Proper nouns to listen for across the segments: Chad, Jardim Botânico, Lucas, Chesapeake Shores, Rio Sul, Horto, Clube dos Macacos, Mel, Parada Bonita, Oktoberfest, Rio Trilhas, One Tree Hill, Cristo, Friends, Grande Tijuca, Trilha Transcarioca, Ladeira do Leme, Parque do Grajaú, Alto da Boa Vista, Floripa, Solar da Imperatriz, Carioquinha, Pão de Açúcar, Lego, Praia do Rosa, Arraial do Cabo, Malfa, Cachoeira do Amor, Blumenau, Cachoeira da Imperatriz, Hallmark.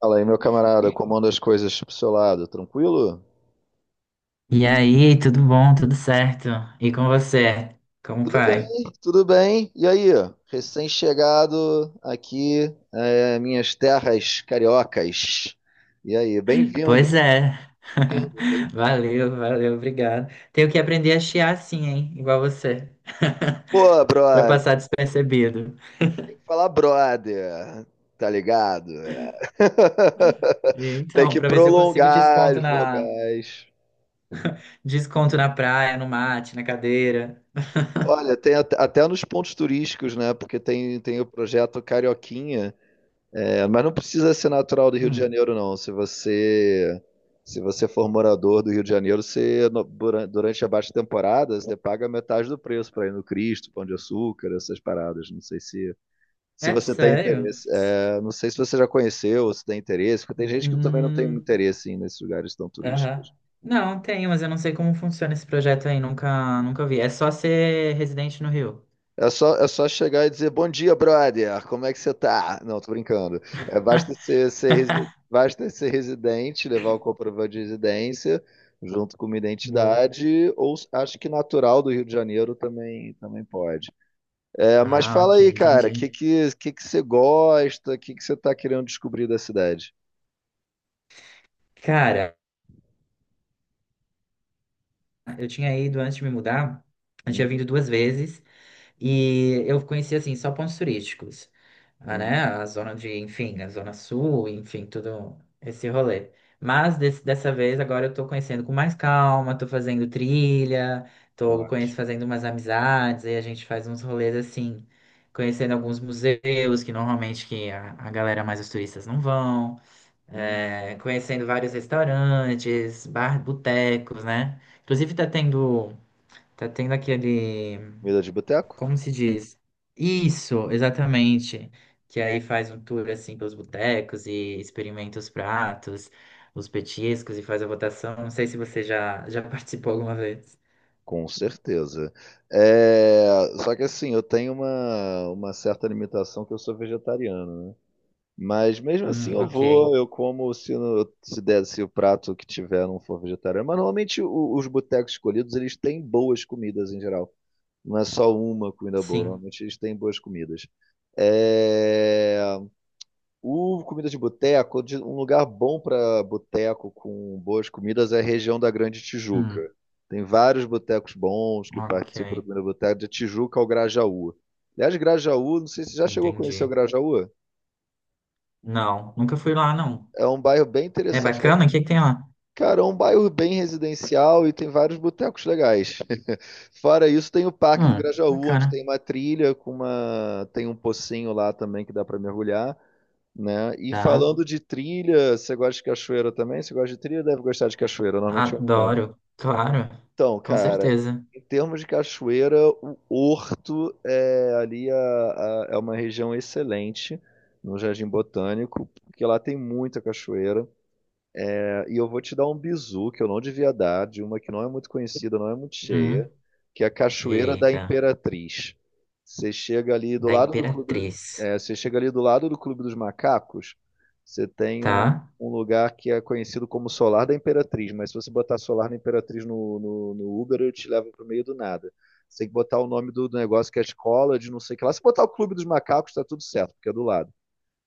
Fala aí, meu camarada, como andam as coisas pro seu lado? Tranquilo? E aí, tudo bom? Tudo certo? E com você? Como Tudo vai? bem, tudo bem. E aí, recém-chegado aqui, minhas terras cariocas. E aí, bem-vindo, Pois é. bem-vindo, bem-vindo. Valeu, valeu, obrigado. Tenho que aprender a chiar assim, hein? Igual você. Pô, Pra brother, passar despercebido. tem que falar brother, tá ligado? É. E Tem então, que pra ver se eu consigo prolongar as vogais. desconto na praia, no mate, na cadeira. Olha, tem até nos pontos turísticos, né? Porque tem o projeto Carioquinha. É, mas não precisa ser natural do Rio de Hum, Janeiro, não. Se você for morador do Rio de Janeiro, você durante a baixa temporada, você paga metade do preço para ir no Cristo, Pão de Açúcar, essas paradas. Não sei se é você tem sério? interesse. É, não sei se você já conheceu, se tem interesse, porque tem gente que também não tem Hum, interesse em ir nesses lugares tão aham. turísticos. Não, tem, mas eu não sei como funciona esse projeto aí, nunca vi. É só ser residente no Rio. É só chegar e dizer bom dia, brother. Como é que você tá? Não, tô brincando. É, basta ser residente, levar o comprovante de residência junto com uma Boa. identidade, ou acho que natural do Rio de Janeiro também pode. É, mas Ah, fala ok, aí, cara, o que, entendi. que, que, que você gosta? O que você tá querendo descobrir da cidade? Cara, eu tinha ido antes de me mudar, eu tinha Uhum, vindo duas vezes e eu conhecia assim só pontos turísticos, ah, né? uhum, A zona de, enfim, a zona sul, enfim, tudo esse rolê. Mas dessa vez agora eu tô conhecendo com mais calma, tô fazendo trilha, tô conhecendo, ótimo. fazendo umas amizades, aí a gente faz uns rolês assim, conhecendo alguns museus que normalmente a galera mais os turistas não vão. Uhum. É, conhecendo vários restaurantes, bar, botecos, né? Inclusive tá tendo aquele, Comida de boteco? como se diz? Isso, exatamente. Que aí faz um tour assim pelos botecos e experimenta os pratos, os petiscos e faz a votação. Não sei se você já participou alguma vez. Com certeza. É, só que assim, eu tenho uma certa limitação que eu sou vegetariano, né? Mas mesmo assim eu Ok. vou, eu como se der, se o prato que tiver não for vegetariano. Mas normalmente os botecos escolhidos, eles têm boas comidas em geral. Não é só uma comida boa, Sim. normalmente eles têm boas comidas. É, o comida de boteco, um lugar bom para boteco com boas comidas é a região da Grande Tijuca. Hum, Tem vários botecos bons que ok. participam do Comida de Boteco, de Tijuca ao Grajaú. Aliás, Grajaú, não sei se você já chegou a conhecer o Entendi. Grajaú. Não, nunca fui lá, não. É um bairro bem É interessante. bacana? O que que tem lá? Cara, é um bairro bem residencial e tem vários botecos legais. Fora isso, tem o Parque do Hum, Grajaú, onde bacana. tem uma trilha tem um pocinho lá também que dá para mergulhar, né? E Tá. falando de trilha, você gosta de cachoeira também? Você gosta de trilha? Deve gostar de cachoeira, normalmente é um ponto. Adoro, claro, Então, com cara, certeza. em termos de cachoeira, o Horto é ali é uma região excelente no Jardim Botânico, porque lá tem muita cachoeira. É, e eu vou te dar um bizu que eu não devia dar, de uma que não é muito conhecida, não é muito cheia, Hum, que é a Cachoeira da eita, Imperatriz. Você chega ali do da lado do clube, Imperatriz. é, você chega ali do lado do Clube dos Macacos, você tem um, Tá, um lugar que é conhecido como Solar da Imperatriz, mas se você botar Solar da Imperatriz no Uber, eu te levo pro meio do nada. Você tem que botar o nome do negócio que é a escola de não sei o que lá. Se botar o Clube dos Macacos, tá tudo certo, porque é do lado.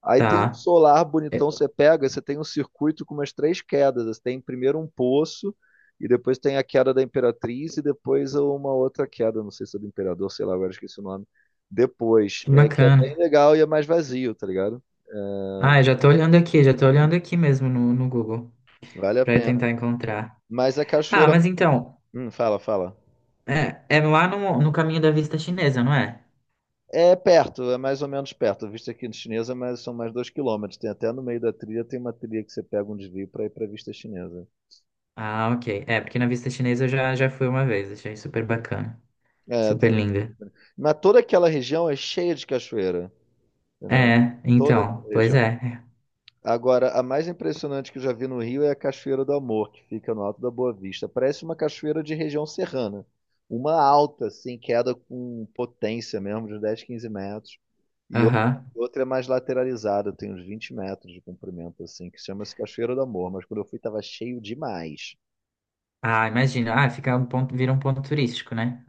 Aí tem um tá. solar É, bonitão, você pega, você tem um circuito com umas três quedas. Você tem primeiro um poço, e depois tem a queda da Imperatriz, e depois uma outra queda, não sei se é do Imperador, sei lá, agora esqueci o nome. Depois, que é que é bem bacana. legal e é mais vazio, tá ligado? Ah, eu já tô olhando aqui, já tô olhando aqui mesmo no Google Vale a pra pena. tentar encontrar. Mas a Ah, cachoeira. mas então, Fala, fala. É lá no caminho da vista chinesa, não é? É perto, é mais ou menos perto. A vista aqui chinesa mas são mais 2 quilômetros. Tem até no meio da trilha, tem uma trilha que você pega um desvio para ir para vista chinesa. Ah, ok. É, porque na vista chinesa eu já fui uma vez, achei super bacana. É, Super tem. linda. Mas toda aquela região é cheia de cachoeira, entendeu? É, Toda aquela então, pois região. é. É, Agora, a mais impressionante que eu já vi no Rio é a Cachoeira do Amor, que fica no Alto da Boa Vista. Parece uma cachoeira de região serrana. Uma alta, assim, queda com potência mesmo, de uns 10, 15 metros. E outra, aham. outra é mais lateralizada, tem uns 20 metros de comprimento, assim, que chama-se Cachoeira do Amor. Mas quando eu fui, tava cheio demais. Ah, imagina. Ah, fica um ponto, vira um ponto turístico, né?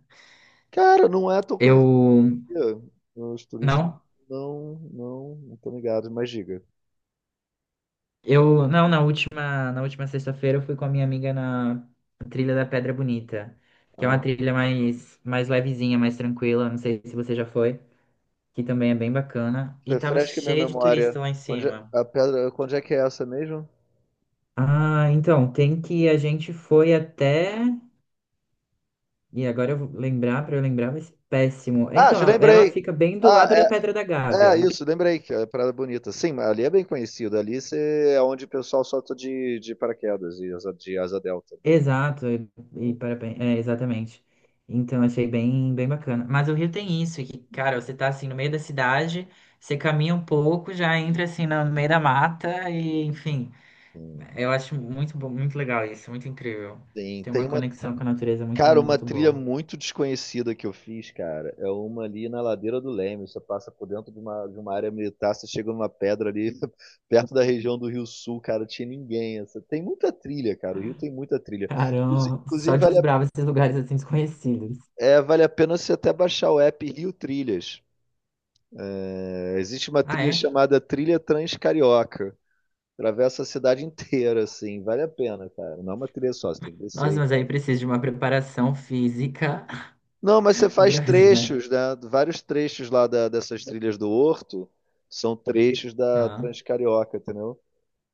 Cara, não é tão conhecida. Eu. Os turistas Não? não, não, não estão ligados, mas diga. Não, na última sexta-feira eu fui com a minha amiga na trilha da Pedra Bonita, que é uma trilha mais, mais levezinha, mais tranquila, não sei se você já foi, que também é bem bacana, e tava Refresca minha cheio de turista memória. lá em cima. A pedra, onde é que é essa mesmo? Ah, então, tem que a gente foi até, e agora eu vou lembrar, pra eu lembrar vai ser péssimo. Ah, Então, já ela lembrei. fica bem do Ah, lado da Pedra da é, é Gávea. isso, lembrei que é a Parada Bonita. Sim, mas ali é bem conhecido. É onde o pessoal solta de paraquedas e de asa delta. Exato, e Hum, parabéns, é, exatamente. Então achei bem, bem bacana. Mas o Rio tem isso, que, cara, você tá assim no meio da cidade, você caminha um pouco, já entra assim no meio da mata e, enfim, Sim. eu acho muito bom, muito legal isso, muito incrível. Tem, Tem tem uma uma, conexão com a natureza muito, cara, uma muito trilha boa. muito desconhecida que eu fiz, cara. É uma ali na ladeira do Leme. Você passa por dentro de uma área militar, você chega numa pedra ali, perto da região do Rio Sul, cara. Tinha ninguém. Essa. Tem muita trilha, cara. O Rio tem muita trilha. Caramba, só Inclusive, vale desbrava esses lugares assim desconhecidos. É, vale a pena você até baixar o app Rio Trilhas. É, existe uma Ah, trilha é? chamada Trilha Transcarioca. Atravessa a cidade inteira, assim. Vale a pena, cara. Não é uma trilha só, você tem que descer Nossa, e mas aí tal. precisa de uma preparação física Não, mas você faz grande, né? trechos, né? Vários trechos lá dessas trilhas do Horto são trechos da Ah, Transcarioca, entendeu?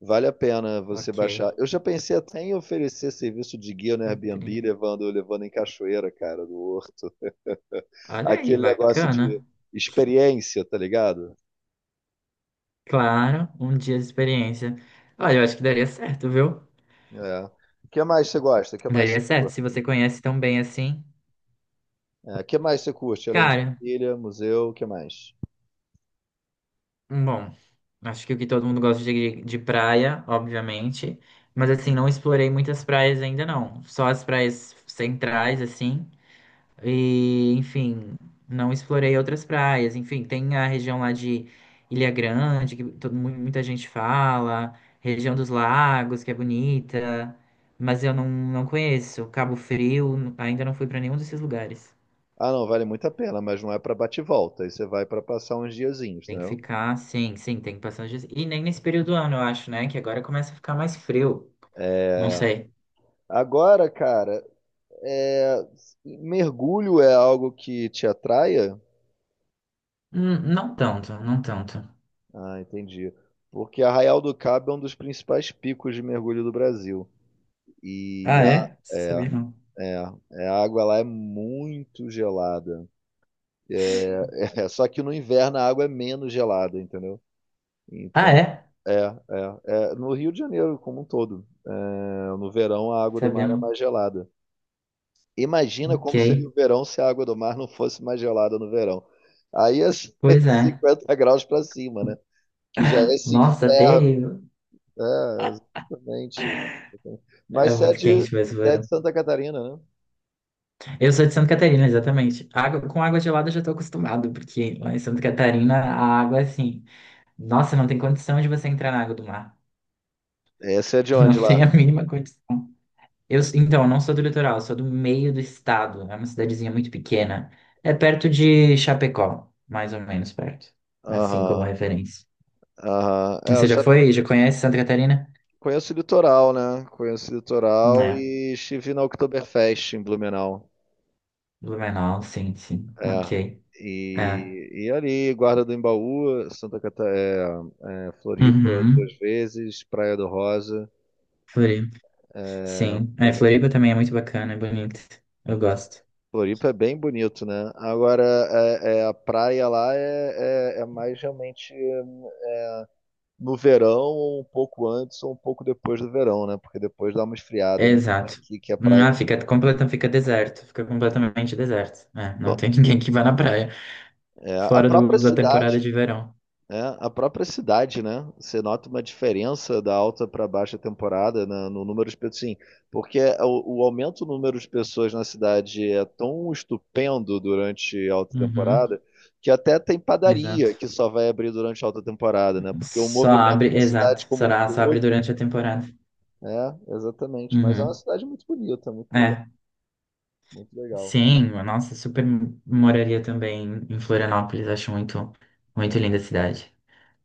Vale a pena você ok. baixar. Eu já pensei até em oferecer serviço de guia no E o Airbnb, levando em cachoeira, cara, do Horto. Olha aí, Aquele negócio de bacana. experiência, tá ligado? Claro, um dia de experiência. Olha, eu acho que daria certo, viu? É. O que mais você gosta? O que mais você Daria certo, se curte? você conhece tão bem assim. É, o que mais você curte, além de Cara, trilha, museu, o que mais? bom, acho que o que todo mundo gosta de praia, obviamente. Mas assim, não explorei muitas praias ainda não. Só as praias centrais, assim. E, enfim, não explorei outras praias. Enfim, tem a região lá de Ilha Grande, que todo, muita gente fala, região dos lagos, que é bonita, mas eu não, não conheço. Cabo Frio, ainda não fui para nenhum desses lugares. Ah, não, vale muito a pena, mas não é para bate e volta. Aí você vai para passar uns diazinhos, Tem que entendeu? ficar, sim, sim, tem que passar os dias. E nem nesse período do ano, eu acho, né? Que agora começa a ficar mais frio. Não sei. Agora, cara, é, mergulho é algo que te atraia? Não tanto, não tanto. Ah, entendi. Porque Arraial do Cabo é um dos principais picos de mergulho do Brasil. E Ah, a, é? é, Sabia não. A água lá é muito gelada. É, só que no inverno a água é menos gelada, entendeu? Ah, Então é? É, é, é. No Rio de Janeiro, como um todo. É, no verão, a água do Sabia mar é não. mais gelada. Imagina Ok. como seria o verão se a água do mar não fosse mais gelada no verão. Aí é Pois é. 50 graus para cima, né? Que já é esse Nossa, inferno. terrível. É, exatamente. É Mas você muito você quente mesmo o é verão. de Santa Catarina, né? Eu sou de Santa Catarina, exatamente. Água, com água gelada eu já tô acostumado, porque lá em Santa Catarina a água é assim. Nossa, não tem condição de você entrar na água do mar. É, você é de onde Não tem lá? a mínima condição. Então, eu não sou do litoral, eu sou do meio do estado. É uma cidadezinha muito pequena. É perto de Chapecó, mais ou menos perto. Assim como Aham, referência. aham. É, eu Você já já foi? Já conhece Santa Catarina? conheço o litoral, né? Conheço o litoral É. e estive na Oktoberfest em Blumenau. Blumenau, sim, sim. É. Ok. É. E, e ali, Guarda do Embaú, Santa Catarina, é, é, Floripa Uhum. 2 vezes, Praia do Rosa. Sim. É, Floripa também é muito bacana, é bonito. Eu gosto. Floripa é bem bonito, né? Agora, a praia lá é mais realmente é, no verão, um pouco antes ou um pouco depois do verão, né? Porque depois dá uma esfriada, né? É Exato. aqui que a Hum. praia. Ah, fica completa, fica deserto. Fica completamente deserto. É, não Bom, tem ninguém que vá na praia. é, a Fora do, própria da temporada cidade, de verão. é, a própria cidade, né? Você nota uma diferença da alta para baixa temporada no número de pessoas, sim, porque é o aumento do número de pessoas na cidade é tão estupendo durante a alta Uhum, temporada que até tem exato. padaria que só vai abrir durante a alta temporada, né? Porque o Só movimento abre, da cidade exato. como um Só abre todo, durante a temporada. é, exatamente. Mas é uma Uhum. cidade muito bonita, muito legal, É. muito legal. Sim, nossa, super moraria também em Florianópolis. Acho muito, muito linda a cidade.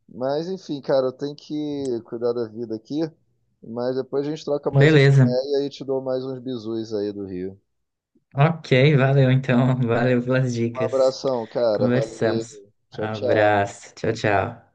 Mas enfim, cara, eu tenho que cuidar da vida aqui. Mas depois a gente troca mais uma Beleza. ideia e aí te dou mais uns bizus aí do Rio. Ok, valeu então. Valeu pelas Um dicas. abração, cara. Conversamos. Valeu. Tchau, tchau. Abraço. Tchau, tchau.